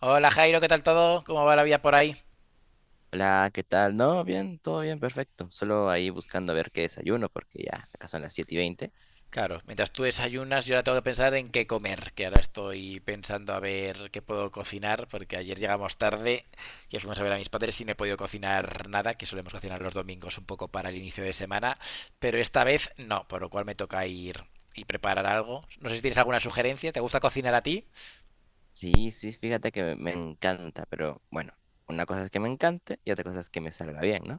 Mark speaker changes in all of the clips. Speaker 1: Hola Jairo, ¿qué tal todo? ¿Cómo va la vida por ahí?
Speaker 2: Hola, ¿qué tal? No, bien, todo bien, perfecto. Solo ahí buscando a ver qué desayuno, porque ya acá son las 7:20.
Speaker 1: Claro, mientras tú desayunas, yo ahora tengo que pensar en qué comer, que ahora estoy pensando a ver qué puedo cocinar, porque ayer llegamos tarde y fuimos a ver a mis padres y no he podido cocinar nada, que solemos cocinar los domingos un poco para el inicio de semana, pero esta vez no, por lo cual me toca ir y preparar algo. No sé si tienes alguna sugerencia, ¿te gusta cocinar a ti?
Speaker 2: Sí, sí, fíjate que me encanta, pero bueno, una cosa es que me encante y otra cosa es que me salga bien, ¿no?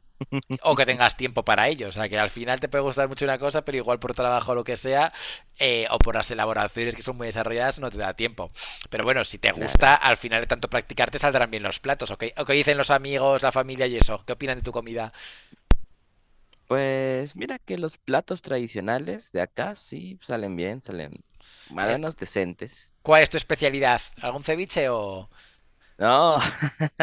Speaker 1: O que tengas tiempo para ello. O sea, que al final te puede gustar mucho una cosa, pero igual por trabajo o lo que sea, o por las elaboraciones que son muy desarrolladas, no te da tiempo. Pero bueno, si te gusta,
Speaker 2: Claro.
Speaker 1: al final de tanto practicar te saldrán bien los platos. ¿O qué dicen los amigos, la familia y eso? ¿Qué opinan de tu comida?
Speaker 2: Pues mira que los platos tradicionales de acá sí salen bien, salen más o
Speaker 1: Eh,
Speaker 2: menos decentes.
Speaker 1: ¿Cuál es tu especialidad? ¿Algún ceviche o...?
Speaker 2: No,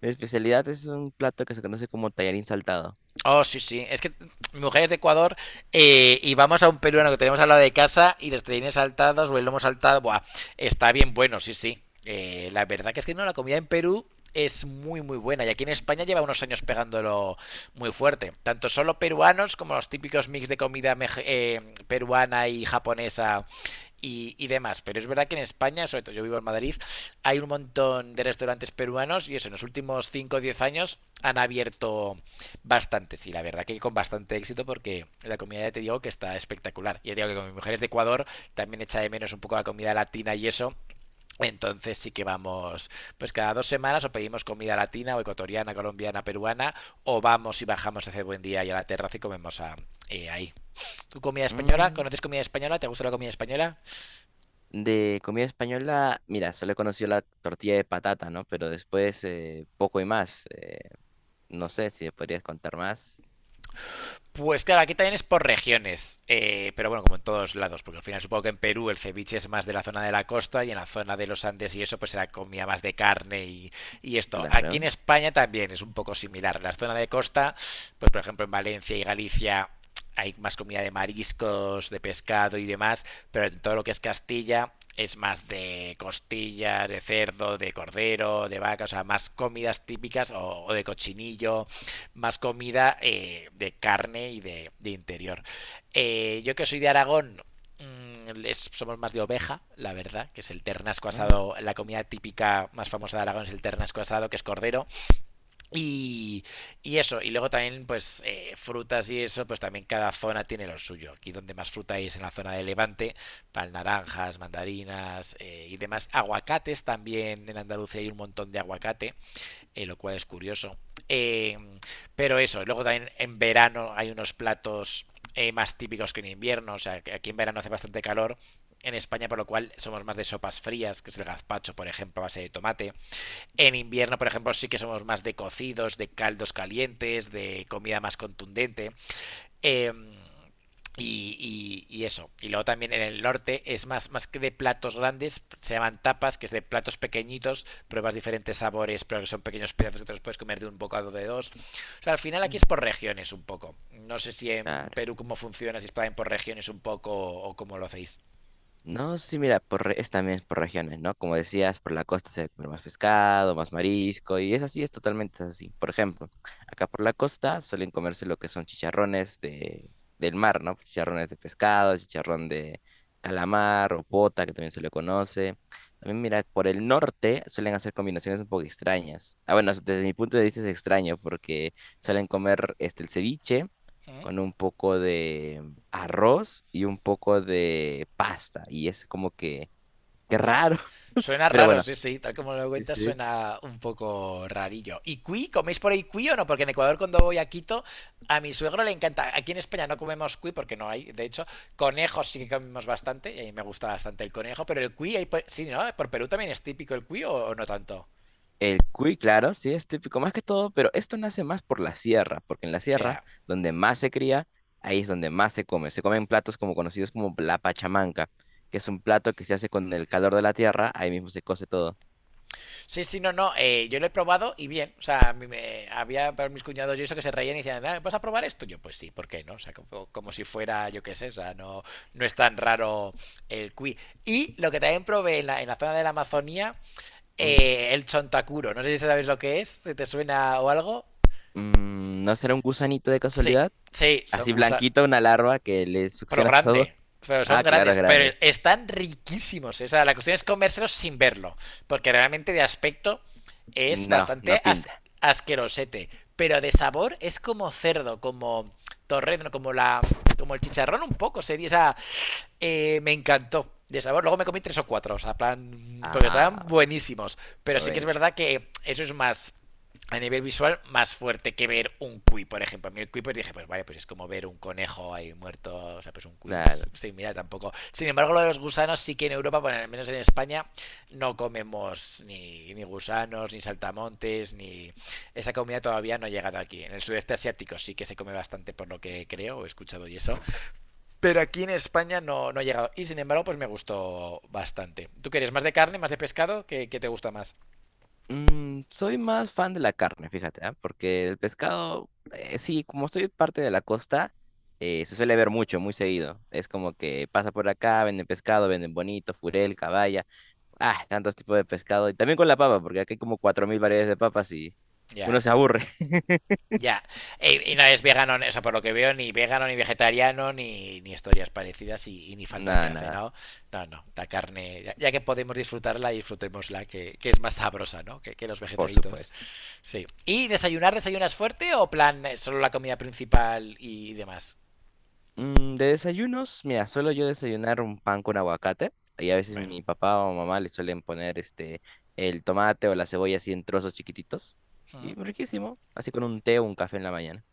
Speaker 2: mi especialidad es un plato que se conoce como tallarín saltado.
Speaker 1: Oh, sí, sí. Es que mi mujer es de Ecuador, y vamos a un peruano que tenemos al lado de casa y los tenines saltados o el lomo saltado. Buah, está bien bueno, sí, sí. La verdad que es que no, la comida en Perú es muy, muy buena. Y aquí en España lleva unos años pegándolo muy fuerte. Tanto solo peruanos como los típicos mix de comida peruana y japonesa y demás. Pero es verdad que en España, sobre todo yo vivo en Madrid, hay un montón de restaurantes peruanos y eso, en los últimos 5 o 10 años han abierto bastante, sí, la verdad que con bastante éxito porque la comida ya te digo que está espectacular. Ya te digo que con mis mujeres de Ecuador también echa de menos un poco la comida latina y eso. Entonces sí que vamos, pues cada 2 semanas o pedimos comida latina o ecuatoriana, colombiana, peruana, o vamos y bajamos hace buen día y a la terraza y comemos ahí. ¿Tu comida española?
Speaker 2: Mm,
Speaker 1: ¿Conoces comida española? ¿Te gusta la comida española?
Speaker 2: De comida española, mira, solo he conocido la tortilla de patata, ¿no? Pero después, poco y más. No sé si me podrías contar más.
Speaker 1: Pues claro, aquí también es por regiones, pero bueno, como en todos lados, porque al final supongo que en Perú el ceviche es más de la zona de la costa y en la zona de los Andes y eso pues será comida más de carne y esto. Aquí en
Speaker 2: Claro,
Speaker 1: España también es un poco similar. En la zona de costa, pues por ejemplo en Valencia y Galicia hay más comida de mariscos, de pescado y demás, pero en todo lo que es Castilla es más de costillas, de cerdo, de cordero, de vaca, o sea, más comidas típicas o de cochinillo, más comida de carne y de interior. Yo que soy de Aragón, somos más de oveja, la verdad, que es el ternasco
Speaker 2: no,
Speaker 1: asado, la comida típica más famosa de Aragón es el ternasco asado, que es cordero, y, y eso, y luego también pues frutas y eso, pues también cada zona tiene lo suyo. Aquí donde más fruta hay es en la zona de Levante, tal naranjas, mandarinas y demás. Aguacates también, en Andalucía hay un montón de aguacate, lo cual es curioso. Eh, pero eso, luego también en verano hay unos platos más típicos que en invierno, o sea, que aquí en verano hace bastante calor. En España, por lo cual, somos más de sopas frías, que es el gazpacho, por ejemplo, a base de tomate. En invierno, por ejemplo, sí que somos más de cocidos, de caldos calientes, de comida más contundente. Eh, y eso. Y luego también en el norte es más, más que de platos grandes, se llaman tapas, que es de platos pequeñitos, pruebas diferentes sabores, pero que son pequeños pedazos que te los puedes comer de un bocado de dos. O sea, al final aquí es
Speaker 2: mm,
Speaker 1: por regiones un poco. No sé si en
Speaker 2: claro.
Speaker 1: Perú cómo funciona, si es por regiones un poco o cómo lo hacéis.
Speaker 2: No, sí, mira, es también por regiones, ¿no? Como decías, por la costa se debe comer más pescado, más marisco, y es así, es totalmente así. Por ejemplo, acá por la costa suelen comerse lo que son chicharrones del mar, ¿no? Chicharrones de pescado, chicharrón de calamar o pota, que también se le conoce. También, mira, por el norte suelen hacer combinaciones un poco extrañas. Ah, bueno, desde mi punto de vista es extraño porque suelen comer este, el ceviche
Speaker 1: ¿Eh?
Speaker 2: con un poco de arroz y un poco de pasta. Y es como que, qué
Speaker 1: Ya.
Speaker 2: raro,
Speaker 1: Suena
Speaker 2: pero
Speaker 1: raro,
Speaker 2: bueno.
Speaker 1: sí, sí. Tal como lo
Speaker 2: Sí,
Speaker 1: cuentas,
Speaker 2: sí.
Speaker 1: suena un poco rarillo. ¿Y cuy? ¿Coméis por ahí cuy o no? Porque en Ecuador, cuando voy a Quito, a mi suegro le encanta. Aquí en España no comemos cuy porque no hay. De hecho, conejos sí que comemos bastante. Y a mí me gusta bastante el conejo. Pero el cuy, ahí por- sí, ¿no? ¿Por Perú también es típico el cuy o no tanto?
Speaker 2: El cuy, claro, sí, es típico más que todo, pero esto nace más por la sierra, porque en la sierra,
Speaker 1: Ya.
Speaker 2: donde más se cría, ahí es donde más se come. Se comen platos como conocidos como la pachamanca, que es un plato que se hace con el calor de la tierra, ahí mismo se cose todo.
Speaker 1: Sí, sí, no, no. Yo lo he probado y bien. O sea, a mí me- había para mis cuñados y eso que se reían y decían, "Ah, ¿vas a probar esto?". Yo, pues sí, ¿por qué no? O sea, como, como si fuera, yo qué sé, o sea, no, no es tan raro el cuy. Y lo que también probé en la zona de la Amazonía,
Speaker 2: Uy.
Speaker 1: el chontacuro. No sé si sabéis lo que es, si te suena o algo.
Speaker 2: ¿No será un gusanito de
Speaker 1: Sí,
Speaker 2: casualidad?
Speaker 1: sí, son
Speaker 2: Así
Speaker 1: gusanos.
Speaker 2: blanquito, una larva que le
Speaker 1: Pro
Speaker 2: succionas todo.
Speaker 1: grande. Pero son
Speaker 2: Ah, claro, es
Speaker 1: grandes. Pero
Speaker 2: grande.
Speaker 1: están riquísimos. O sea, la cuestión es comérselos sin verlo. Porque realmente de aspecto es
Speaker 2: No, no
Speaker 1: bastante
Speaker 2: pinta.
Speaker 1: asquerosete. Pero de sabor es como cerdo, como torrezno, como la. Como el chicharrón un poco. Sería. O sea, me encantó. De sabor, luego me comí tres o cuatro, o sea, plan, porque
Speaker 2: Ah,
Speaker 1: estaban buenísimos. Pero sí que es
Speaker 2: provecho.
Speaker 1: verdad que eso es más, a nivel visual, más fuerte que ver un cuy, por ejemplo. A mí el cuy, pues dije, pues vale, pues es como ver un conejo ahí muerto, o sea, pues un cuy es
Speaker 2: Claro.
Speaker 1: sí, mira tampoco. Sin embargo, lo de los gusanos sí que en Europa, bueno, al menos en España, no comemos ni gusanos, ni saltamontes, ni... Esa comida todavía no ha llegado aquí. En el sudeste asiático sí que se come bastante, por lo que creo, he escuchado y eso. Pero aquí en España no, no ha llegado. Y sin embargo, pues me gustó bastante. ¿Tú quieres más de carne, más de pescado? ¿Qué te gusta más?
Speaker 2: Soy más fan de la carne, fíjate, ¿ah? Porque el pescado, sí, como soy parte de la costa, se suele ver mucho, muy seguido. Es como que pasa por acá, venden pescado, venden bonito, furel, caballa. Ah, tantos tipos de pescado. Y también con la papa, porque aquí hay como 4.000 variedades de papas y
Speaker 1: Ya,
Speaker 2: uno se aburre.
Speaker 1: ya. Y no es vegano, o sea, por lo que veo, ni vegano, ni vegetariano, ni historias parecidas y ni falta que
Speaker 2: Nada,
Speaker 1: hace,
Speaker 2: nada,
Speaker 1: ¿no? No, no. La carne, ya, ya que podemos disfrutarla, disfrutémosla, que es más sabrosa, ¿no? Que los
Speaker 2: por
Speaker 1: vegetaritos.
Speaker 2: supuesto.
Speaker 1: Sí. ¿Y desayunar, desayunas fuerte o plan solo la comida principal y demás?
Speaker 2: De desayunos, mira, suelo yo desayunar un pan con aguacate y a veces
Speaker 1: Bueno.
Speaker 2: mi papá o mamá le suelen poner este el tomate o la cebolla así en trozos chiquititos
Speaker 1: Ujú.
Speaker 2: y riquísimo, así con un té o un café en la mañana,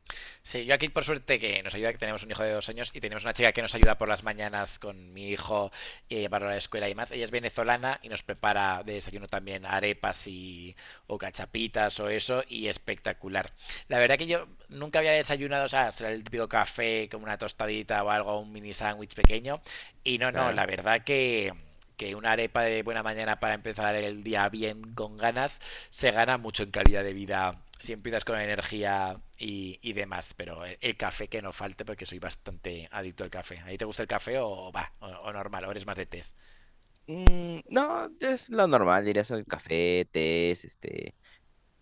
Speaker 1: Sí, yo aquí por suerte que nos ayuda, que tenemos un hijo de 2 años y tenemos una chica que nos ayuda por las mañanas con mi hijo y a llevarlo a la escuela y más. Ella es venezolana y nos prepara de desayuno también arepas y o cachapitas o eso y espectacular. La verdad que yo nunca había desayunado, o sea, será el típico café como una tostadita o algo, un mini sándwich pequeño y no, no, la
Speaker 2: claro.
Speaker 1: verdad que una arepa de buena mañana para empezar el día bien con ganas se gana mucho en calidad de vida si empiezas con energía y demás. Pero café que no falte, porque soy bastante adicto al café. ¿A ti te gusta el café o va? O, normal, o eres más de test.
Speaker 2: No, es lo normal, diría soy café, tés, este,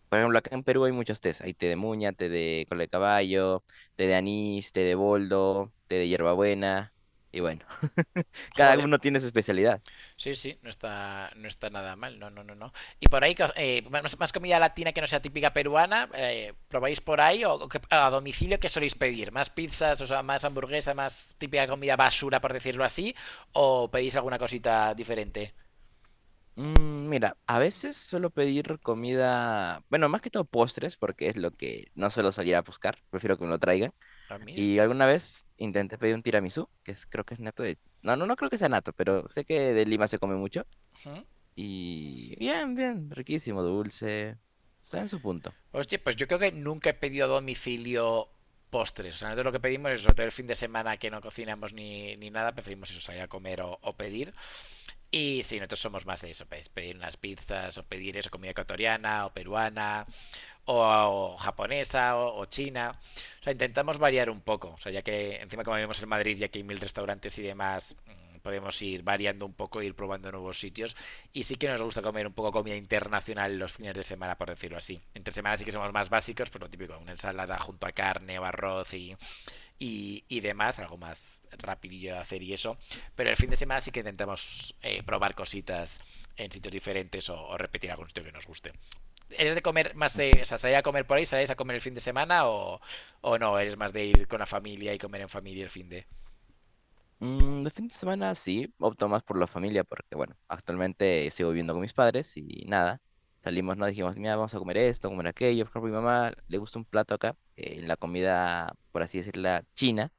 Speaker 2: por ejemplo, acá en Perú hay muchos tés, hay té de muña, té de cola de caballo, té de anís, té de boldo, té de hierbabuena y bueno, cada
Speaker 1: Joder,
Speaker 2: uno tiene su especialidad.
Speaker 1: sí, sí, no está, no está nada mal. No, no, no, no. Y por ahí, comida latina que no sea típica peruana, ¿probáis por ahí o a domicilio qué soléis pedir? ¿Más pizzas, o sea, más hamburguesa, más típica comida basura, por decirlo así? ¿O pedís alguna cosita diferente?
Speaker 2: Mira, a veces suelo pedir comida, bueno, más que todo postres, porque es lo que no suelo salir a buscar, prefiero que me lo traigan.
Speaker 1: A mí.
Speaker 2: Y alguna vez intenté pedir un tiramisú, que es, creo que es nato de... No, no, no creo que sea nato, pero sé que de Lima se come mucho.
Speaker 1: ¿Mm?
Speaker 2: Y bien, bien, riquísimo, dulce, está en su punto.
Speaker 1: Hostia, pues yo creo que nunca he pedido a domicilio postres. O sea, nosotros lo que pedimos es, sobre todo el fin de semana que no cocinamos ni nada, preferimos eso, salir a comer o pedir. Y sí, nosotros somos más de eso, pues, pedir unas pizzas o pedir eso, comida ecuatoriana o peruana o japonesa o china. O sea, intentamos variar un poco. O sea, ya que encima como vivimos en Madrid y aquí hay mil restaurantes y demás, podemos ir variando un poco, ir probando nuevos sitios. Y sí que nos gusta comer un poco comida internacional los fines de semana, por decirlo así. Entre semanas sí que somos más básicos, pues lo típico, una ensalada junto a carne o arroz y demás, algo más rapidillo de hacer y eso. Pero el fin de semana sí que intentamos probar cositas en sitios diferentes o, repetir algún sitio que nos guste. ¿Eres de comer más de, o sea, salir a comer por ahí, salís a comer el fin de semana o no? ¿Eres más de ir con la familia y comer en familia el fin de?
Speaker 2: De fin de semana sí, opto más por la familia porque, bueno, actualmente sigo viviendo con mis padres y nada. Salimos, no dijimos, mira, vamos a comer esto, comer aquello. Por ejemplo, mi mamá le gusta un plato acá, la comida, por así decirla, china,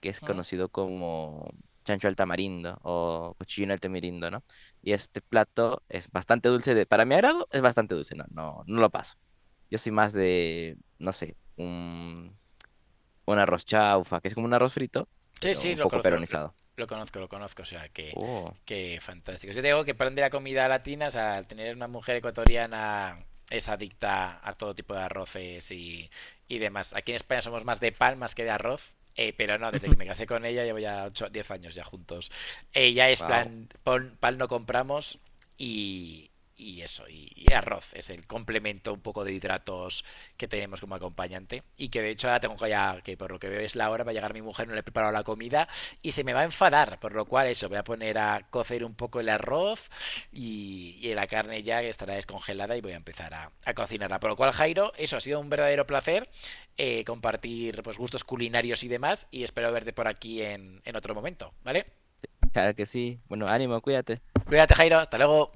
Speaker 2: que es
Speaker 1: ¿Mm?
Speaker 2: conocido como chancho al tamarindo o cochino al tamarindo, ¿no? Y este plato es bastante dulce, para mi agrado es bastante dulce, no, no, no lo paso. Yo soy más de, no sé, un arroz chaufa, que es como un arroz frito,
Speaker 1: Sí,
Speaker 2: pero
Speaker 1: sí,
Speaker 2: un poco peronizado.
Speaker 1: lo conozco, o sea,
Speaker 2: Oh.
Speaker 1: que fantástico. Yo digo que para de la comida latina, o sea, al tener una mujer ecuatoriana es adicta a todo tipo de arroces y demás. Aquí en España somos más de pan más que de arroz, pero no, desde que me casé con ella llevo ya 8, 10 años ya juntos. Ella es
Speaker 2: Wow,
Speaker 1: plan, pon- pan no compramos y, y eso, y arroz es el complemento un poco de hidratos que tenemos como acompañante y que de hecho ahora tengo ya que por lo que veo es la hora, va a llegar mi mujer, no le he preparado la comida y se me va a enfadar, por lo cual eso voy a poner a cocer un poco el arroz y la carne ya estará descongelada y voy a empezar a cocinarla. Por lo cual, Jairo, eso ha sido un verdadero placer, compartir pues gustos culinarios y demás y espero verte por aquí en otro momento, vale.
Speaker 2: claro que sí. Bueno, ánimo, cuídate.
Speaker 1: Cuídate, Jairo, hasta luego.